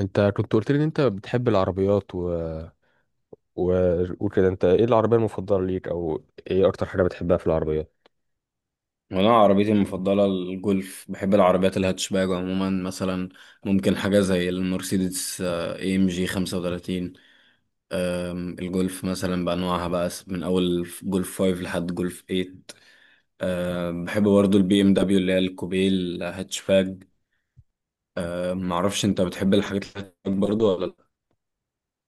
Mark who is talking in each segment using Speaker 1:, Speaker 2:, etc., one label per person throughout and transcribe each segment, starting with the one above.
Speaker 1: انت كنت قلت لي ان انت بتحب العربيات و... وكده انت ايه العربية المفضلة ليك او ايه اكتر حاجة بتحبها في العربيات؟
Speaker 2: وانا عربيتي المفضله الجولف، بحب العربيات الهاتشباج عموما. مثلا ممكن حاجه زي المرسيدس اي ام جي 35. الجولف مثلا بانواعها بقى من اول جولف 5 لحد جولف 8. بحب برضو البي ام دبليو اللي هي الكوبيه الهاتشباج. معرفش، انت بتحب الحاجات الهاتشباج برضو ولا؟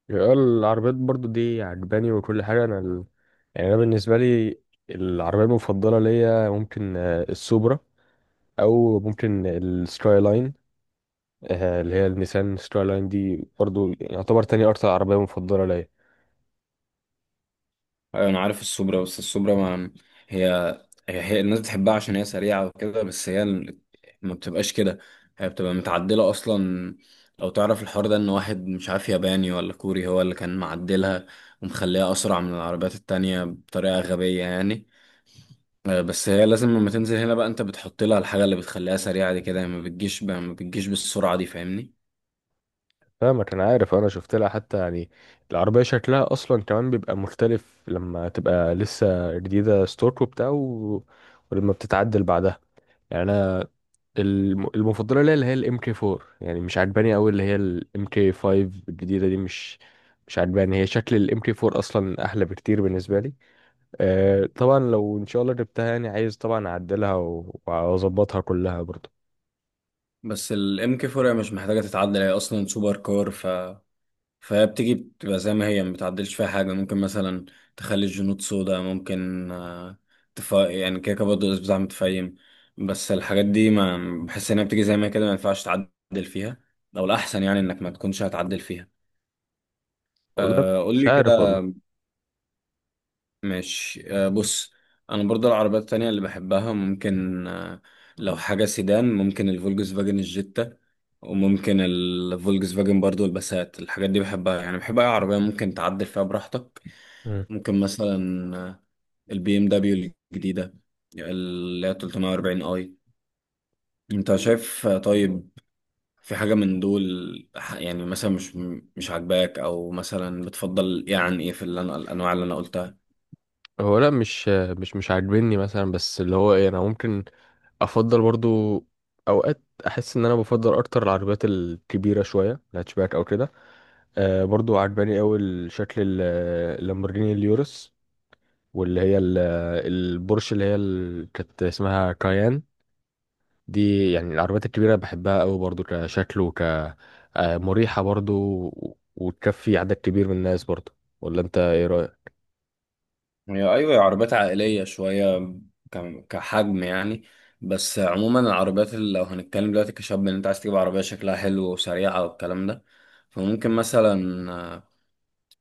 Speaker 1: يعني العربيات برضو دي عجباني وكل حاجة. يعني انا بالنسبة لي العربية المفضلة ليا ممكن السوبرا، او ممكن السكاي لاين، اللي هي النيسان سكاي لاين. دي برضو يعتبر تاني اكتر عربية مفضلة ليا.
Speaker 2: أيوة أنا عارف السوبرا. بس السوبرا ما هي هي الناس بتحبها عشان هي سريعة وكده. بس ما بتبقاش كده. هي بتبقى متعدلة أصلا. لو تعرف الحوار ده، إن واحد مش عارف ياباني ولا كوري هو اللي كان معدلها ومخليها أسرع من العربيات التانية بطريقة غبية يعني. بس هي لازم لما تنزل هنا بقى أنت بتحط لها الحاجة اللي بتخليها سريعة دي، كده ما بتجيش بالسرعة دي، فاهمني؟
Speaker 1: فاهمك، انا عارف، انا شفت لها حتى. يعني العربيه شكلها اصلا كمان بيبقى مختلف لما تبقى لسه جديده ستوك وبتاع، ولما بتتعدل بعدها. يعني انا المفضله ليا اللي هي الام كي 4، يعني مش عجباني قوي اللي هي الام كي 5 الجديده دي. مش عجباني. هي شكل الام كي 4 اصلا احلى بكتير بالنسبه لي. أه طبعا لو ان شاء الله جبتها يعني عايز طبعا اعدلها واظبطها كلها برضه.
Speaker 2: بس الام كي 4 مش محتاجة تتعدل، هي أصلا سوبر كار. فبتيجي بتبقى زي ما هي، ما بتعدلش فيها حاجة. ممكن مثلا تخلي الجنود سودا، ممكن يعني كده كده برضه الأسبوع متفايم. بس الحاجات دي ما بحس إنها بتيجي زي ما هي كده، ما ينفعش تعدل فيها، أو الأحسن يعني إنك ما تكونش هتعدل فيها.
Speaker 1: والله
Speaker 2: أه، قول
Speaker 1: مش
Speaker 2: لي
Speaker 1: عارف
Speaker 2: كده.
Speaker 1: والله.
Speaker 2: ماشي، أه بص. أنا برضه العربيات التانية اللي بحبها، ممكن لو حاجة سيدان ممكن الفولكس فاجن الجيتا، وممكن الفولكس فاجن برضه الباسات. الحاجات دي بحبها، يعني بحب أي عربية ممكن تعدل فيها براحتك. ممكن مثلا البي ام دبليو الجديدة، اللي هي 340 اي. انت شايف طيب، في حاجة من دول يعني مثلا مش عاجباك؟ او مثلا بتفضل ايه عن ايه في اللي الانواع اللي انا قلتها؟
Speaker 1: هو لا، مش عاجبني مثلا، بس اللي هو ايه، انا ممكن افضل برضو. اوقات احس ان انا بفضل اكتر العربيات الكبيره شويه، الهاتشباك او كده. آه برضو عجباني قوي الشكل اللامبورجيني اليورس، واللي هي البورش اللي هي كانت اسمها كايان. دي يعني العربيات الكبيره بحبها قوي برضو كشكل، وك آه، مريحه برضو، وتكفي عدد كبير من الناس برضو. ولا انت ايه رايك؟
Speaker 2: هي ايوه، هي عربيات عائلية شوية كحجم يعني. بس عموما العربيات اللي لو هنتكلم دلوقتي كشاب ان انت عايز تجيب عربية شكلها حلو وسريعة والكلام ده، فممكن مثلا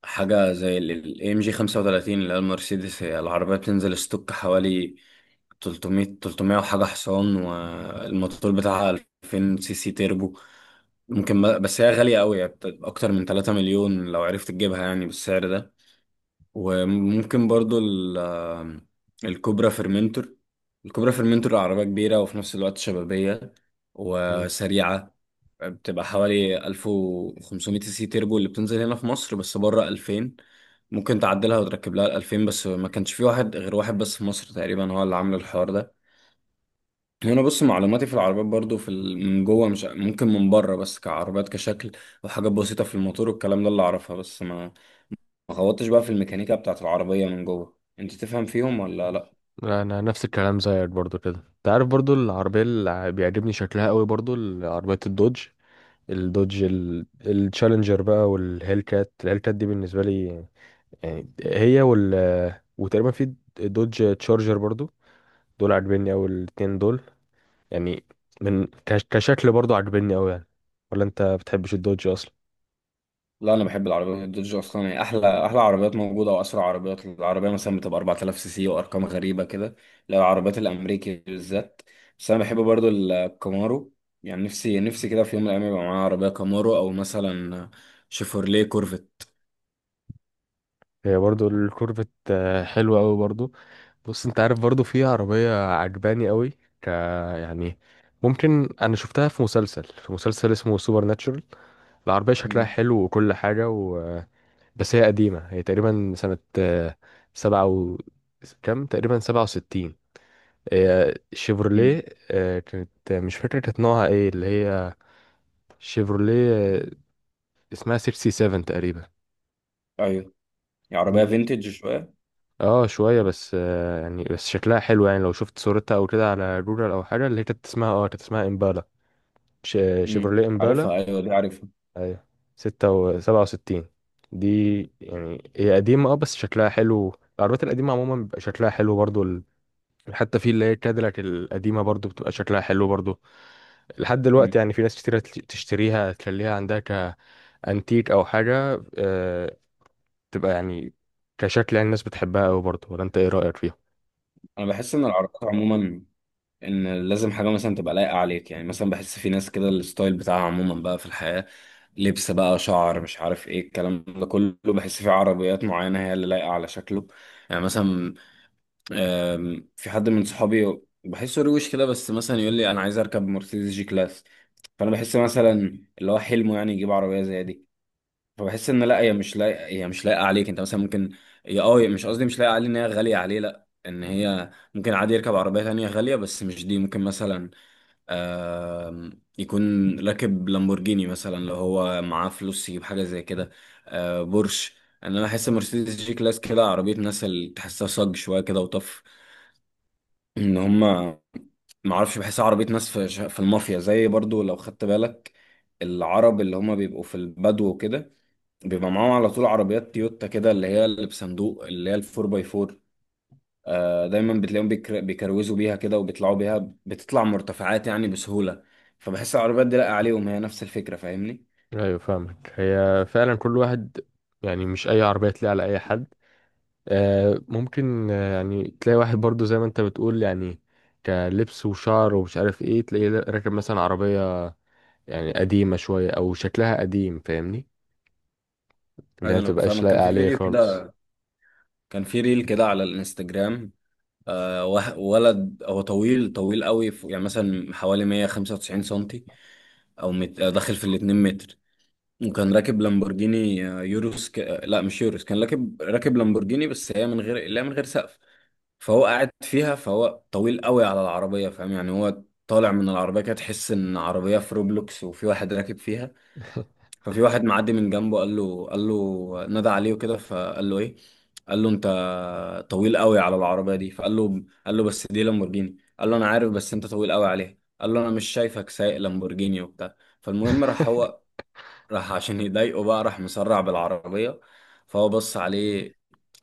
Speaker 2: حاجة زي ال ام جي 35 اللي هي المرسيدس. هي العربية بتنزل ستوك حوالي 300، 300 وحاجة حصان، والموتور بتاعها 2000 سي سي تيربو. ممكن بس هي غالية قوي، يعني أكتر من 3 مليون لو عرفت تجيبها يعني بالسعر ده. وممكن برضو الكوبرا فيرمنتور الكوبرا فيرمنتور عربية كبيرة وفي نفس الوقت شبابية وسريعة. بتبقى حوالي 1500 سي سي تيربو اللي بتنزل هنا في مصر، بس بره 2000. ممكن تعدلها وتركب لها ال 2000، بس ما كانش في واحد، غير واحد بس في مصر تقريبا هو اللي عامل الحوار ده. هنا بص، معلوماتي في العربيات برضو في من جوه مش ممكن، من بره بس كعربيات كشكل وحاجات بسيطة في الموتور والكلام ده اللي اعرفها، بس ما خبطتش بقى في الميكانيكا بتاعت العربية من جوه. انت تفهم فيهم ولا لا؟
Speaker 1: لا، انا نفس الكلام زيك برضو. كده انت عارف برضو العربيه اللي بيعجبني شكلها قوي برضو عربيه الدوج. التشالنجر بقى والهيل كات. الهيل كات دي بالنسبه لي يعني، هي وال وتقريبا في دوج تشارجر برضو، دول عاجبني قوي الاتنين دول. يعني من كشكل برضو عاجبني قوي يعني. ولا انت بتحبش الدوج اصلا؟
Speaker 2: لا، انا بحب العربية الدوج، اصلا هي احلى احلى عربيات موجودة واسرع عربيات. العربية مثلا بتبقى 4000 سي سي وارقام غريبة كده. لا، العربيات الامريكي بالذات. بس انا بحب برضو الكامارو، يعني نفسي نفسي كده في يوم من الايام يبقى معايا عربية كامارو، او مثلا شيفورليه كورفت.
Speaker 1: هي برضو الكورفت حلوة أوي برضو. بص، انت عارف برضو في عربية عجباني أوي، ك يعني ممكن، أنا شفتها في مسلسل اسمه سوبر ناتشورال. العربية شكلها
Speaker 2: مم.
Speaker 1: حلو وكل حاجة بس هي قديمة، هي تقريبا سنة سبعة و كام، تقريبا 67. هي
Speaker 2: مم.
Speaker 1: شيفروليه. آه، كانت آه، مش فاكرة كانت نوعها ايه اللي هي شيفروليه. اسمها سيكسي سيفن تقريبا.
Speaker 2: ايوه، هي
Speaker 1: دي
Speaker 2: عربية فينتج شوية.
Speaker 1: اه شوية بس، يعني بس شكلها حلو، يعني لو شفت صورتها او كده على جوجل او حاجة. اللي هي كانت اسمها اه كانت اسمها امبالا. ش-
Speaker 2: مم.
Speaker 1: شيفروليه امبالا.
Speaker 2: عارفها، ايوه دي عارفها.
Speaker 1: ايوه، 66 و67. دي يعني هي قديمة بس شكلها حلو. العربيات القديمة عموما بيبقى شكلها حلو برضو حتى في اللي هي كاديلاك القديمة برضو، بتبقى شكلها حلو برضو لحد دلوقتي.
Speaker 2: مم.
Speaker 1: يعني في ناس كتيرة تشتريها تخليها عندها كأنتيك او حاجة، تبقى يعني كشكل، يعني الناس بتحبها اوي برضو. ولا انت ايه رأيك فيها؟
Speaker 2: انا بحس ان العربيات عموما، ان لازم حاجه مثلا تبقى لايقه عليك، يعني مثلا بحس في ناس كده الستايل بتاعها عموما بقى في الحياه، لبس بقى، شعر، مش عارف ايه الكلام ده كله، بحس في عربيات معينه هي اللي لايقه على شكله. يعني مثلا في حد من صحابي بحسه روش كده، بس مثلا يقول لي انا عايز اركب مرسيدس جي كلاس. فانا بحس مثلا اللي هو حلمه يعني يجيب عربيه زي دي. فبحس ان، لا هي مش لايقه عليك. انت مثلا ممكن، يا اه مش قصدي مش لايقه عليه ان هي غاليه عليه، لا، ان هي ممكن عادي يركب عربيه تانية غاليه بس مش دي. ممكن مثلا يكون راكب لامبورجيني مثلا لو هو معاه فلوس يجيب حاجة زي كده. بورش. انا بحس مرسيدس جي كلاس كده عربية ناس اللي تحسها صج شوية كده وطف، ان هما معرفش، بحسها عربية ناس في في المافيا زي، برضو لو خدت بالك. العرب اللي هما بيبقوا في البدو وكده، بيبقى معاهم على طول عربيات تويوتا كده، اللي هي اللي بصندوق، اللي هي الفور باي فور. دايما بتلاقيهم بيكروزوا بيها كده، وبيطلعوا بيها، بتطلع مرتفعات يعني بسهولة. فبحس العربيات دي لاقى عليهم، هي نفس الفكرة، فاهمني؟
Speaker 1: ايوه فاهمك. هي فعلا كل واحد، يعني مش اي عربيه تلاقي على اي حد. ممكن، يعني تلاقي واحد برضو زي ما انت بتقول، يعني كلبس وشعر ومش عارف ايه، تلاقيه راكب مثلا عربيه يعني قديمه شويه او شكلها قديم، فاهمني، اللي هي
Speaker 2: ايوه
Speaker 1: ما
Speaker 2: انا
Speaker 1: تبقاش
Speaker 2: فاهمك. كان
Speaker 1: لايقه
Speaker 2: في
Speaker 1: عليه
Speaker 2: فيديو
Speaker 1: خالص.
Speaker 2: كده، كان في ريل كده على الانستجرام. ولد هو طويل طويل قوي يعني مثلا حوالي 195 سنتي، او مت... آه، داخل في ال 2 متر. وكان راكب لامبورجيني، يوروس ك... آه، لا مش يوروس، كان راكب لامبورجيني، بس هي من غير، لا، من غير سقف. فهو قاعد فيها، فهو طويل قوي على العربية، فاهم يعني، هو طالع من العربية كده تحس ان عربية في روبلوكس وفي واحد راكب فيها. ففي واحد معدي من جنبه، قال له نادى عليه وكده. فقال له ايه؟ قال له انت طويل قوي على العربية دي. فقال له قال له بس دي لامبورجيني. قال له انا عارف بس انت طويل قوي عليها. قال له انا مش شايفك سايق لامبورجيني وبتاع. فالمهم، راح عشان يضايقه بقى، راح مسرع بالعربية. فهو بص عليه،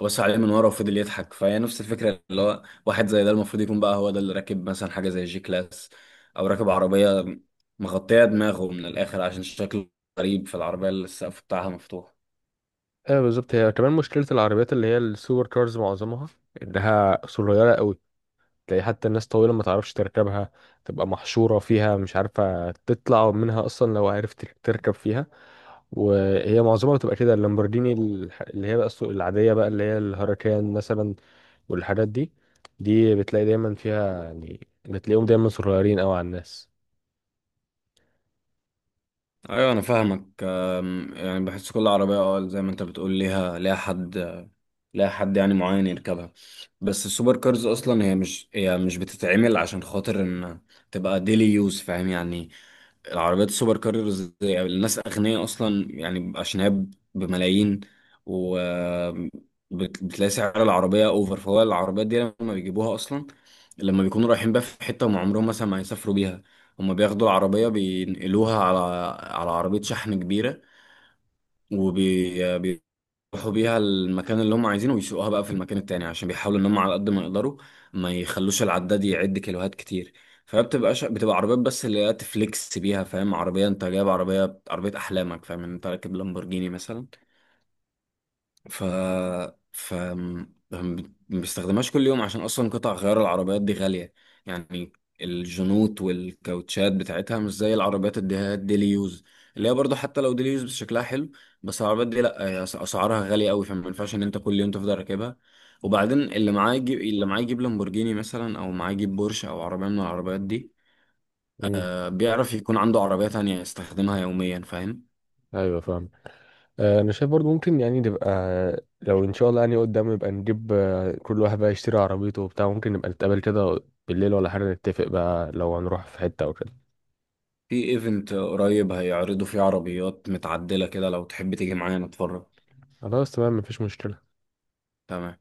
Speaker 2: بص عليه من ورا وفضل يضحك. فهي نفس الفكرة، اللي هو واحد زي ده المفروض يكون بقى هو ده اللي راكب مثلا حاجة زي جي كلاس. أو راكب عربية مغطية دماغه من الآخر، عشان شكله غريب في العربية اللي السقف بتاعها مفتوح.
Speaker 1: ايوه بالظبط. هي كمان مشكله العربيات اللي هي السوبر كارز، معظمها انها صغيره قوي. تلاقي حتى الناس طويله ما تعرفش تركبها، تبقى محشوره فيها، مش عارفه تطلع منها اصلا لو عرفت تركب فيها. وهي معظمها بتبقى كده، اللامبورجيني اللي هي بقى السوق العادية بقى، اللي هي الهركان مثلا والحاجات دي، دي بتلاقي دايما فيها، يعني بتلاقيهم دايما صغيرين قوي على الناس.
Speaker 2: ايوه انا فاهمك، يعني بحس كل عربيه، زي ما انت بتقول، ليها، ليها حد يعني معين يركبها. بس السوبر كارز اصلا هي مش بتتعمل عشان خاطر ان تبقى ديلي يوز، فاهم يعني؟ العربيات السوبر كارز الناس أغنياء أصلا يعني، عشان هي بملايين، و بتلاقي سعر العربية أوفر. فهو العربيات دي لما بيجيبوها أصلا لما بيكونوا رايحين بقى في حتة، هم عمرهم مثلا ما هيسافروا بيها، هم بياخدوا العربية بينقلوها على عربية شحن كبيرة. يروحوا بيها المكان اللي هم عايزينه، ويسوقوها بقى في المكان التاني، عشان بيحاولوا ان هم على قد ما يقدروا ما يخلوش العداد يعد كيلوهات كتير. بتبقى عربيات بس اللي هي تفليكس بيها، فاهم؟ عربية انت جايب، عربية احلامك، فاهم؟ انت راكب لامبورجيني مثلا. ف ف ما بيستخدمهاش كل يوم، عشان اصلا قطع غيار العربيات دي غالية. يعني الجنوط والكاوتشات بتاعتها مش زي العربيات اللي هي الديلي يوز، اللي هي برضه حتى لو ديلي يوز بس شكلها حلو. بس العربيات دي، لا هي اسعارها غالية قوي، فما ينفعش ان انت كل يوم تفضل راكبها. وبعدين اللي معاه يجيب لامبورجيني مثلا، او معاه يجيب بورش، او عربية من العربيات دي.
Speaker 1: امم،
Speaker 2: بيعرف يكون عنده عربية تانية يستخدمها يوميا، فاهم؟
Speaker 1: ايوه فاهم. انا شايف برضو ممكن يعني نبقى، لو ان شاء الله يعني قدام نبقى نجيب، كل واحد بقى يشتري عربيته وبتاع، ممكن نبقى نتقابل كده بالليل ولا حاجة، نتفق بقى لو هنروح في حتة او كده.
Speaker 2: في ايفنت قريب هيعرضوا فيه عربيات متعدلة كده، لو تحب تيجي معايا نتفرج.
Speaker 1: خلاص تمام، مفيش مشكلة.
Speaker 2: تمام.